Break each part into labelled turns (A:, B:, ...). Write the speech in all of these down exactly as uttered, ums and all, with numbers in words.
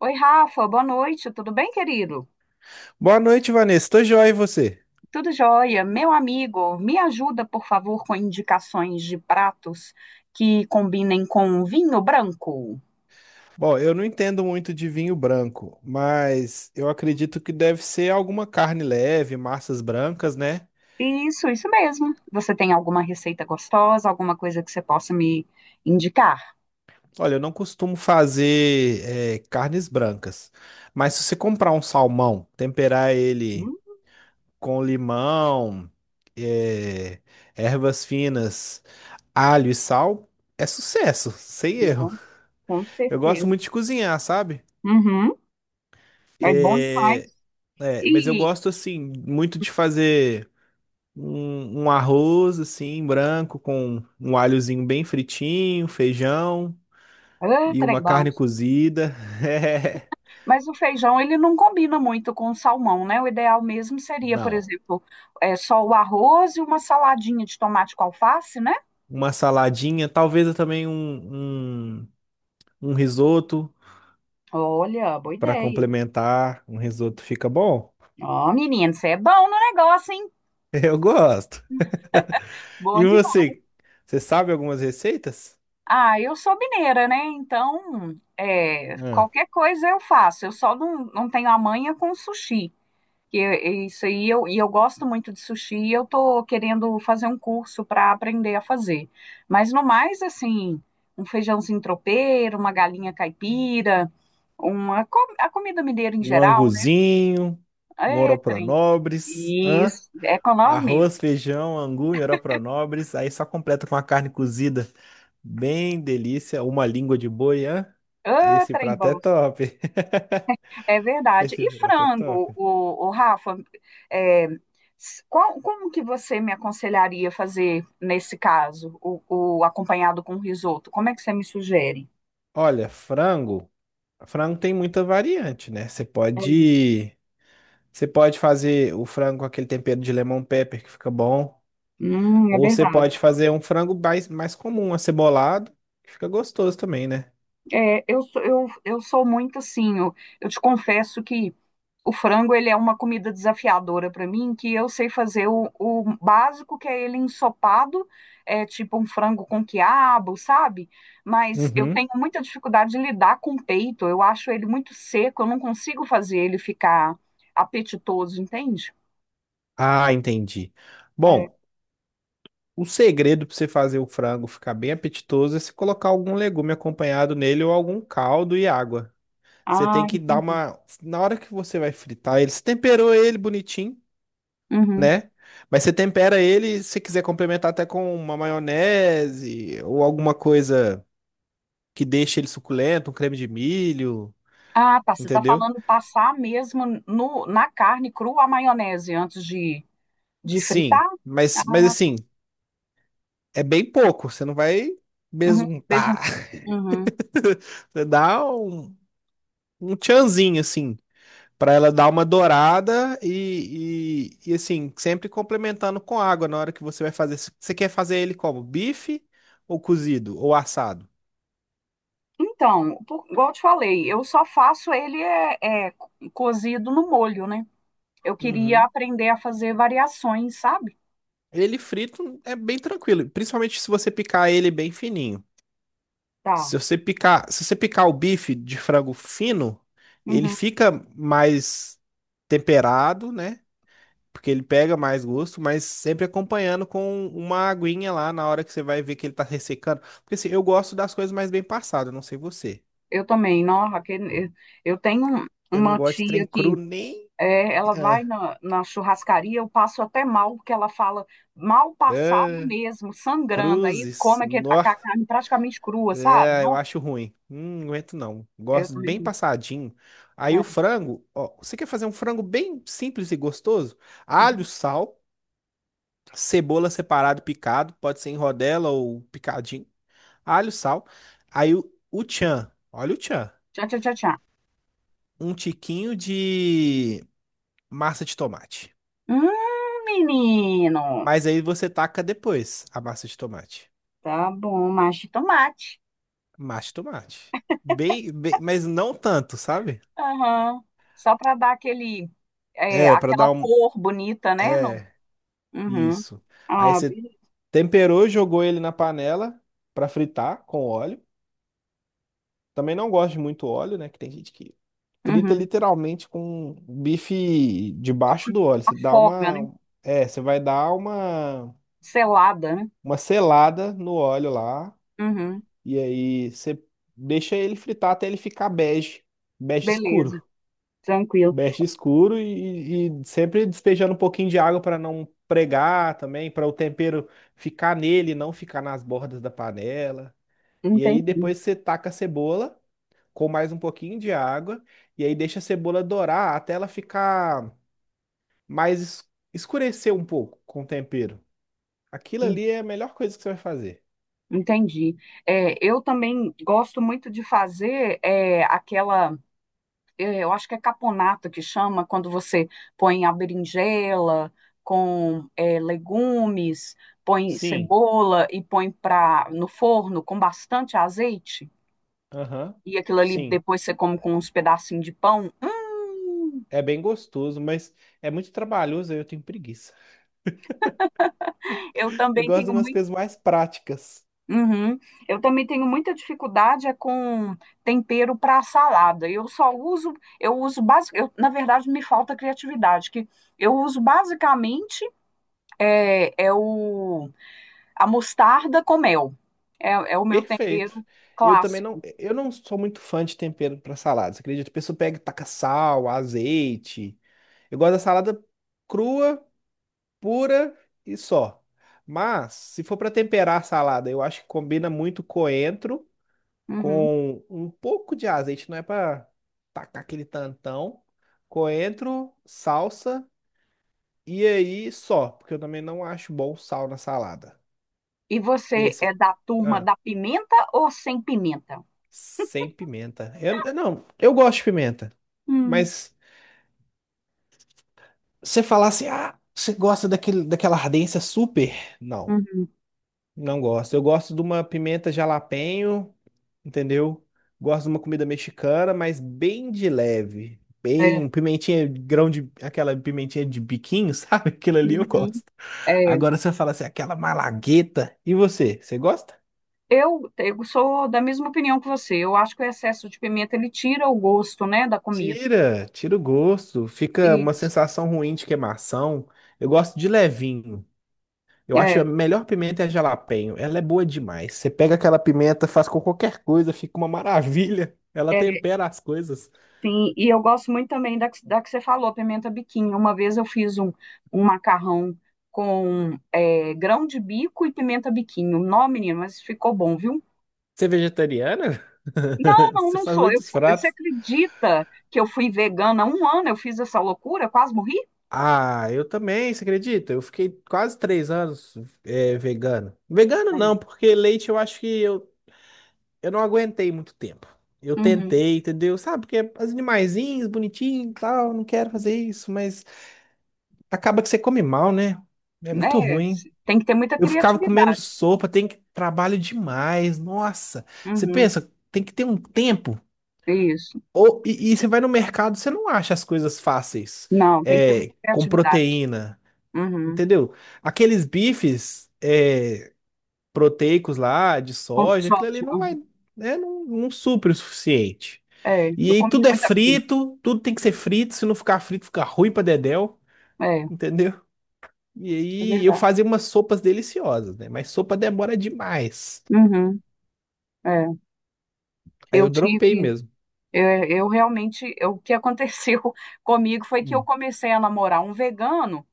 A: Oi, Rafa, boa noite, tudo bem, querido?
B: Boa noite, Vanessa. Tô joia e você?
A: Tudo jóia. Meu amigo, me ajuda, por favor, com indicações de pratos que combinem com vinho branco.
B: Bom, eu não entendo muito de vinho branco, mas eu acredito que deve ser alguma carne leve, massas brancas, né?
A: Isso, isso mesmo. Você tem alguma receita gostosa, alguma coisa que você possa me indicar?
B: Olha, eu não costumo fazer eh, carnes brancas, mas se você comprar um salmão, temperar ele
A: Hum,
B: com limão, eh, ervas finas, alho e sal, é sucesso, sem erro.
A: não, com
B: Eu gosto
A: certeza.
B: muito de cozinhar, sabe?
A: Uhum, é bom
B: Eh,
A: demais.
B: é, mas eu
A: E,
B: gosto assim muito de fazer. um, um arroz assim, branco, com um alhozinho bem fritinho, feijão
A: ah,
B: e
A: trem
B: uma
A: bom.
B: carne cozida. É,
A: Mas o feijão, ele não combina muito com o salmão, né? O ideal mesmo seria, por
B: não.
A: exemplo, é, só o arroz e uma saladinha de tomate com alface, né?
B: Uma saladinha, talvez também um, um, um risoto
A: Olha, boa
B: para
A: ideia.
B: complementar. Um risoto fica bom?
A: Ó, menino, você é bom no negócio, hein?
B: Eu gosto.
A: Bom
B: E
A: demais.
B: você? Você sabe algumas receitas?
A: Ah, eu sou mineira, né? Então, é,
B: Hã?
A: qualquer coisa eu faço. Eu só não, não tenho a manha com sushi. que é isso aí eu, e eu gosto muito de sushi e eu tô querendo fazer um curso para aprender a fazer. Mas no mais, assim, um feijãozinho tropeiro, uma galinha caipira, uma co- a comida mineira em
B: Um
A: geral, né?
B: anguzinho, um
A: É, trem.
B: oropronobres, hã?
A: Isso, é com nós mesmo.
B: Arroz, feijão, angu, nobres, aí só completa com uma carne cozida. Bem delícia, uma língua de boi, hã?
A: Ah,
B: Esse
A: trem
B: prato é
A: bom.
B: top.
A: É verdade.
B: Esse
A: E
B: prato é
A: frango,
B: top.
A: o, o Rafa, é, s- qual- como que você me aconselharia fazer nesse caso, o, o acompanhado com risoto? Como é que você me sugere?
B: Olha, frango, frango tem muita variante, né? Você
A: É,
B: pode, você pode fazer o frango com aquele tempero de lemon pepper que fica bom,
A: hum, é
B: ou você
A: verdade.
B: pode fazer um frango mais, mais comum, acebolado, que fica gostoso também, né?
A: É, eu sou, eu, eu sou muito assim, eu, eu te confesso que o frango ele é uma comida desafiadora para mim, que eu sei fazer o, o básico, que é ele ensopado, é tipo um frango com quiabo, sabe? Mas eu tenho
B: Uhum.
A: muita dificuldade de lidar com o peito, eu acho ele muito seco, eu não consigo fazer ele ficar apetitoso, entende?
B: Ah, entendi.
A: É.
B: Bom, o segredo para você fazer o frango ficar bem apetitoso é se colocar algum legume acompanhado nele ou algum caldo e água. Você tem
A: Ah,
B: que dar
A: entendi.
B: uma. Na hora que você vai fritar ele, você temperou ele bonitinho,
A: Uhum.
B: né? Mas você tempera ele, se quiser complementar até com uma maionese ou alguma coisa que deixe ele suculento, um creme de milho,
A: Ah, tá. Você está
B: entendeu?
A: falando passar mesmo no, na carne crua a maionese antes de, de
B: Sim,
A: fritar?
B: mas, mas assim, é bem pouco, você não vai
A: Uhum, fez um-
B: besuntar.
A: Uhum.
B: Você dá um, um tchanzinho assim. Pra ela dar uma dourada e, e, e, assim, sempre complementando com água na hora que você vai fazer. Você quer fazer ele como? Bife ou cozido ou assado?
A: Então, por- igual eu te falei, eu só faço ele é, é, cozido no molho, né? Eu queria
B: Uhum.
A: aprender a fazer variações, sabe?
B: Ele frito é bem tranquilo, principalmente se você picar ele bem fininho.
A: Tá.
B: Se você picar, se você picar o bife de frango fino, ele
A: Uhum.
B: fica mais temperado, né? Porque ele pega mais gosto, mas sempre acompanhando com uma aguinha lá na hora que você vai ver que ele tá ressecando. Porque assim, eu gosto das coisas mais bem passadas, não sei você.
A: Eu também, não, Raquel, eu eu tenho um,
B: Eu não
A: uma
B: gosto de trem
A: tia que
B: cru nem.
A: é, ela vai
B: Ah,
A: na, na churrascaria, eu passo até mal, porque ela fala mal passado
B: ah,
A: mesmo, sangrando. Aí
B: cruzes.
A: come aque- a
B: Nó,
A: ca- carne praticamente crua, sabe?
B: é, eu
A: Não,
B: acho ruim. Hum, não aguento não.
A: eu
B: Gosto bem
A: também
B: passadinho. Aí
A: não.
B: o
A: É.
B: frango, ó, você quer fazer um frango bem simples e gostoso? Alho,
A: uhum.
B: sal, cebola separado, picado, pode ser em rodela ou picadinho. Alho, sal. Aí o, o tchan, olha o tchan.
A: Tchau, tchau, tchau, tchau.
B: Um tiquinho de massa de tomate.
A: Hum, menino.
B: Mas aí você taca depois a massa de tomate.
A: Tá bom, mas de tomate.
B: Massa de tomate. Bem, bem, mas não tanto, sabe?
A: Aham. Só para dar aquele, é,
B: É, pra
A: aquela
B: dar um.
A: cor bonita, né? No...
B: É,
A: Uhum.
B: isso. Aí
A: Ah,
B: você
A: beleza.
B: temperou, jogou ele na panela pra fritar com óleo. Também não gosto de muito óleo, né? Que tem gente que frita
A: Uhum.
B: literalmente com bife debaixo
A: Af-
B: do óleo. Você dá
A: Afoga, né?
B: uma. É, você vai dar uma,
A: Selada, né?
B: uma selada no óleo lá.
A: Uhum.
B: E aí você deixa ele fritar até ele ficar bege, bege
A: Beleza,
B: escuro.
A: tranquilo.
B: Bege escuro e, e sempre despejando um pouquinho de água para não pregar também, para o tempero ficar nele, não ficar nas bordas da panela. E aí
A: Entendi.
B: depois você taca a cebola com mais um pouquinho de água e aí deixa a cebola dourar até ela ficar mais es- escurecer um pouco com o tempero. Aquilo ali é a melhor coisa que você vai fazer.
A: Entendi. É, eu também gosto muito de fazer é, aquela, é, eu acho que é caponata que chama, quando você põe a berinjela com é, legumes, põe
B: Sim.
A: cebola e põe pra, no forno com bastante azeite,
B: Aham.
A: e aquilo ali
B: Sim.
A: depois você come com uns pedacinhos de pão. Hum,
B: É bem gostoso, mas é muito trabalhoso e eu tenho preguiça.
A: eu
B: Eu
A: também
B: gosto de
A: tenho
B: umas
A: muito.
B: coisas mais práticas.
A: Uhum. Eu também tenho muita dificuldade é com tempero para salada. Eu só uso, eu uso basic, eu, na verdade me falta criatividade, que eu uso basicamente é, é o a mostarda com mel. É, é o meu
B: Perfeito.
A: tempero
B: Eu também não,
A: clássico.
B: eu não sou muito fã de tempero para saladas. Acredito, a pessoa pega, e taca sal, azeite. Eu gosto da salada crua, pura e só. Mas se for para temperar a salada, eu acho que combina muito coentro
A: Uhum.
B: com um pouco de azeite, não é para tacar aquele tantão. Coentro, salsa. E aí só, porque eu também não acho bom sal na salada.
A: E
B: E aí
A: você é
B: você.
A: da turma
B: Ah,
A: da pimenta ou sem pimenta?
B: sem pimenta. Eu, eu não, eu gosto de pimenta.
A: Hum.
B: Mas você falar assim, ah, você gosta daquele, daquela ardência super? Não,
A: Uhum.
B: não gosto. Eu gosto de uma pimenta jalapeño, entendeu? Gosto de uma comida mexicana, mas bem de leve.
A: É.
B: Bem, um pimentinha, grão de. Aquela pimentinha de biquinho, sabe? Aquilo ali eu
A: Uhum.
B: gosto.
A: É.
B: Agora você fala assim, aquela malagueta. E você? Você gosta?
A: Eu, eu sou da mesma opinião que você. Eu acho que o excesso de pimenta ele tira o gosto, né, da comida.
B: Tira, tira o gosto. Fica uma
A: Isso.
B: sensação ruim de queimação. Eu gosto de levinho. Eu
A: É,
B: acho a melhor pimenta é a jalapeño. Ela é boa demais. Você pega aquela pimenta, faz com qualquer coisa, fica uma maravilha. Ela
A: é,
B: tempera as coisas.
A: sim. E eu gosto muito também da, que- da que você falou, pimenta biquinho. Uma vez eu fiz um, um macarrão com é, grão de bico e pimenta biquinho. Não, menino, mas ficou bom, viu?
B: Você é vegetariana?
A: Não, não,
B: Você
A: não
B: faz
A: sou. Eu,
B: muitos
A: fu- você
B: pratos.
A: acredita que eu fui vegana há um ano? Eu fiz essa loucura, quase morri?
B: Ah, eu também, você acredita? Eu fiquei quase três anos eh, vegano. Vegano não,
A: É.
B: porque leite eu acho que eu eu não aguentei muito tempo. Eu
A: Uhum.
B: tentei, entendeu? Sabe, porque as animaizinhos, bonitinho e tal, não quero fazer isso, mas acaba que você come mal, né? É muito
A: É,
B: ruim.
A: se- tem que ter muita
B: Eu ficava comendo
A: criatividade.
B: sopa, tem que trabalho demais. Nossa, você
A: Uhum.
B: pensa, tem que ter um tempo.
A: Isso.
B: Ou, e, e você vai no mercado, você não acha as coisas fáceis,
A: Não, tem que ter muita
B: é, com
A: criatividade.
B: proteína,
A: Uhum.
B: entendeu? Aqueles bifes, é, proteicos lá, de
A: Com
B: soja, aquilo ali
A: soja.
B: não vai, né, não, não supre o suficiente.
A: É,
B: E
A: eu
B: aí
A: comia
B: tudo é
A: muita coisa.
B: frito, tudo tem que ser frito, se não ficar frito fica ruim pra dedéu,
A: É,
B: entendeu? E
A: é
B: aí eu
A: verdade.
B: fazia umas sopas deliciosas, né? Mas sopa demora demais.
A: Uhum, é.
B: Aí
A: Eu
B: eu dropei
A: tive,
B: mesmo.
A: eu, eu realmente, eu- o que aconteceu comigo foi que eu
B: Hum.
A: comecei a namorar um vegano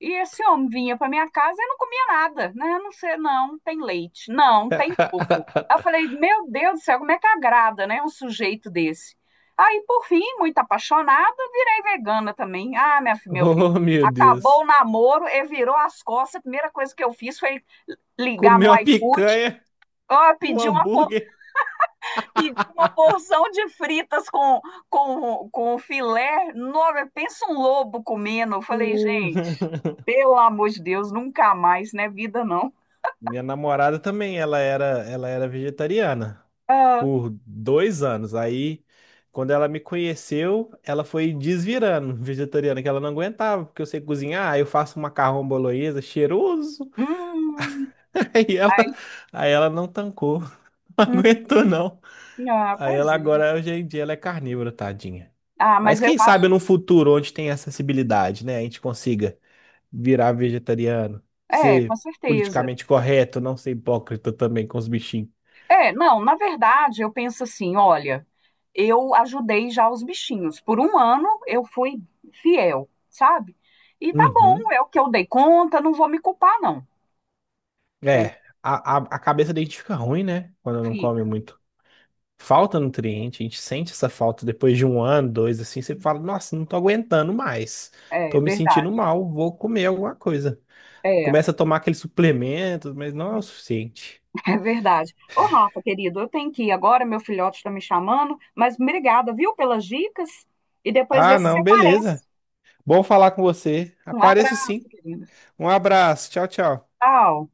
A: e esse homem vinha para minha casa e não comia nada, né? Não sei, não tem leite, não tem ovo. Aí Eu falei, meu Deus do céu, como é que agrada, né? Um sujeito desse. Aí, por fim, muito apaixonada, virei vegana também. Ah, minha, fi- meu filho,
B: Oh, meu
A: acabou
B: Deus.
A: o namoro e virou as costas. A primeira coisa que eu fiz foi ligar
B: Comeu
A: no
B: uma
A: iFood.
B: picanha,
A: Ó,
B: um
A: pedi uma
B: hambúrguer.
A: Pedi uma porção de fritas com, com, com filé. Nossa, pensa um lobo comendo. Eu falei, gente, pelo amor de Deus, nunca mais, né? Vida não.
B: Minha namorada também, ela era, ela era vegetariana
A: Ah,
B: por dois anos. Aí, quando ela me conheceu, ela foi desvirando vegetariana, que ela não aguentava, porque eu sei cozinhar, aí eu faço um macarrão bolonhesa cheiroso.
A: hum,
B: Aí ela,
A: ai,
B: aí ela não tancou, não
A: hum,
B: aguentou não.
A: ah,
B: Aí
A: pois
B: ela
A: é.
B: agora, hoje em dia, ela é carnívora, tadinha.
A: Ah,
B: Mas
A: mas eu
B: quem sabe
A: acho.
B: no futuro, onde tem acessibilidade, né, a gente consiga virar vegetariano,
A: É, com
B: ser
A: certeza.
B: politicamente correto, não ser hipócrita também com os bichinhos.
A: É, não, na verdade, eu penso assim: olha, eu ajudei já os bichinhos. Por um ano eu fui fiel, sabe? E tá bom,
B: Uhum.
A: é o que eu dei conta, não vou me culpar, não.
B: É, a, a, a cabeça da gente fica ruim, né? Quando não come
A: Entendeu?
B: muito. Falta nutriente, a gente sente essa falta depois de um ano, dois, assim, você fala, nossa, não tô aguentando mais.
A: É
B: Tô me sentindo
A: verdade,
B: mal, vou comer alguma coisa.
A: é,
B: Começa a tomar aqueles suplementos, mas não é o suficiente.
A: é verdade. Ô, Rafa, querido, eu tenho que ir agora, meu filhote está me chamando, mas obrigada, viu, pelas dicas? E depois vê
B: Ah,
A: se você
B: não, beleza.
A: aparece.
B: Bom falar com você.
A: Um
B: Apareço
A: abraço,
B: sim.
A: querido.
B: Um abraço, tchau, tchau.
A: Tchau.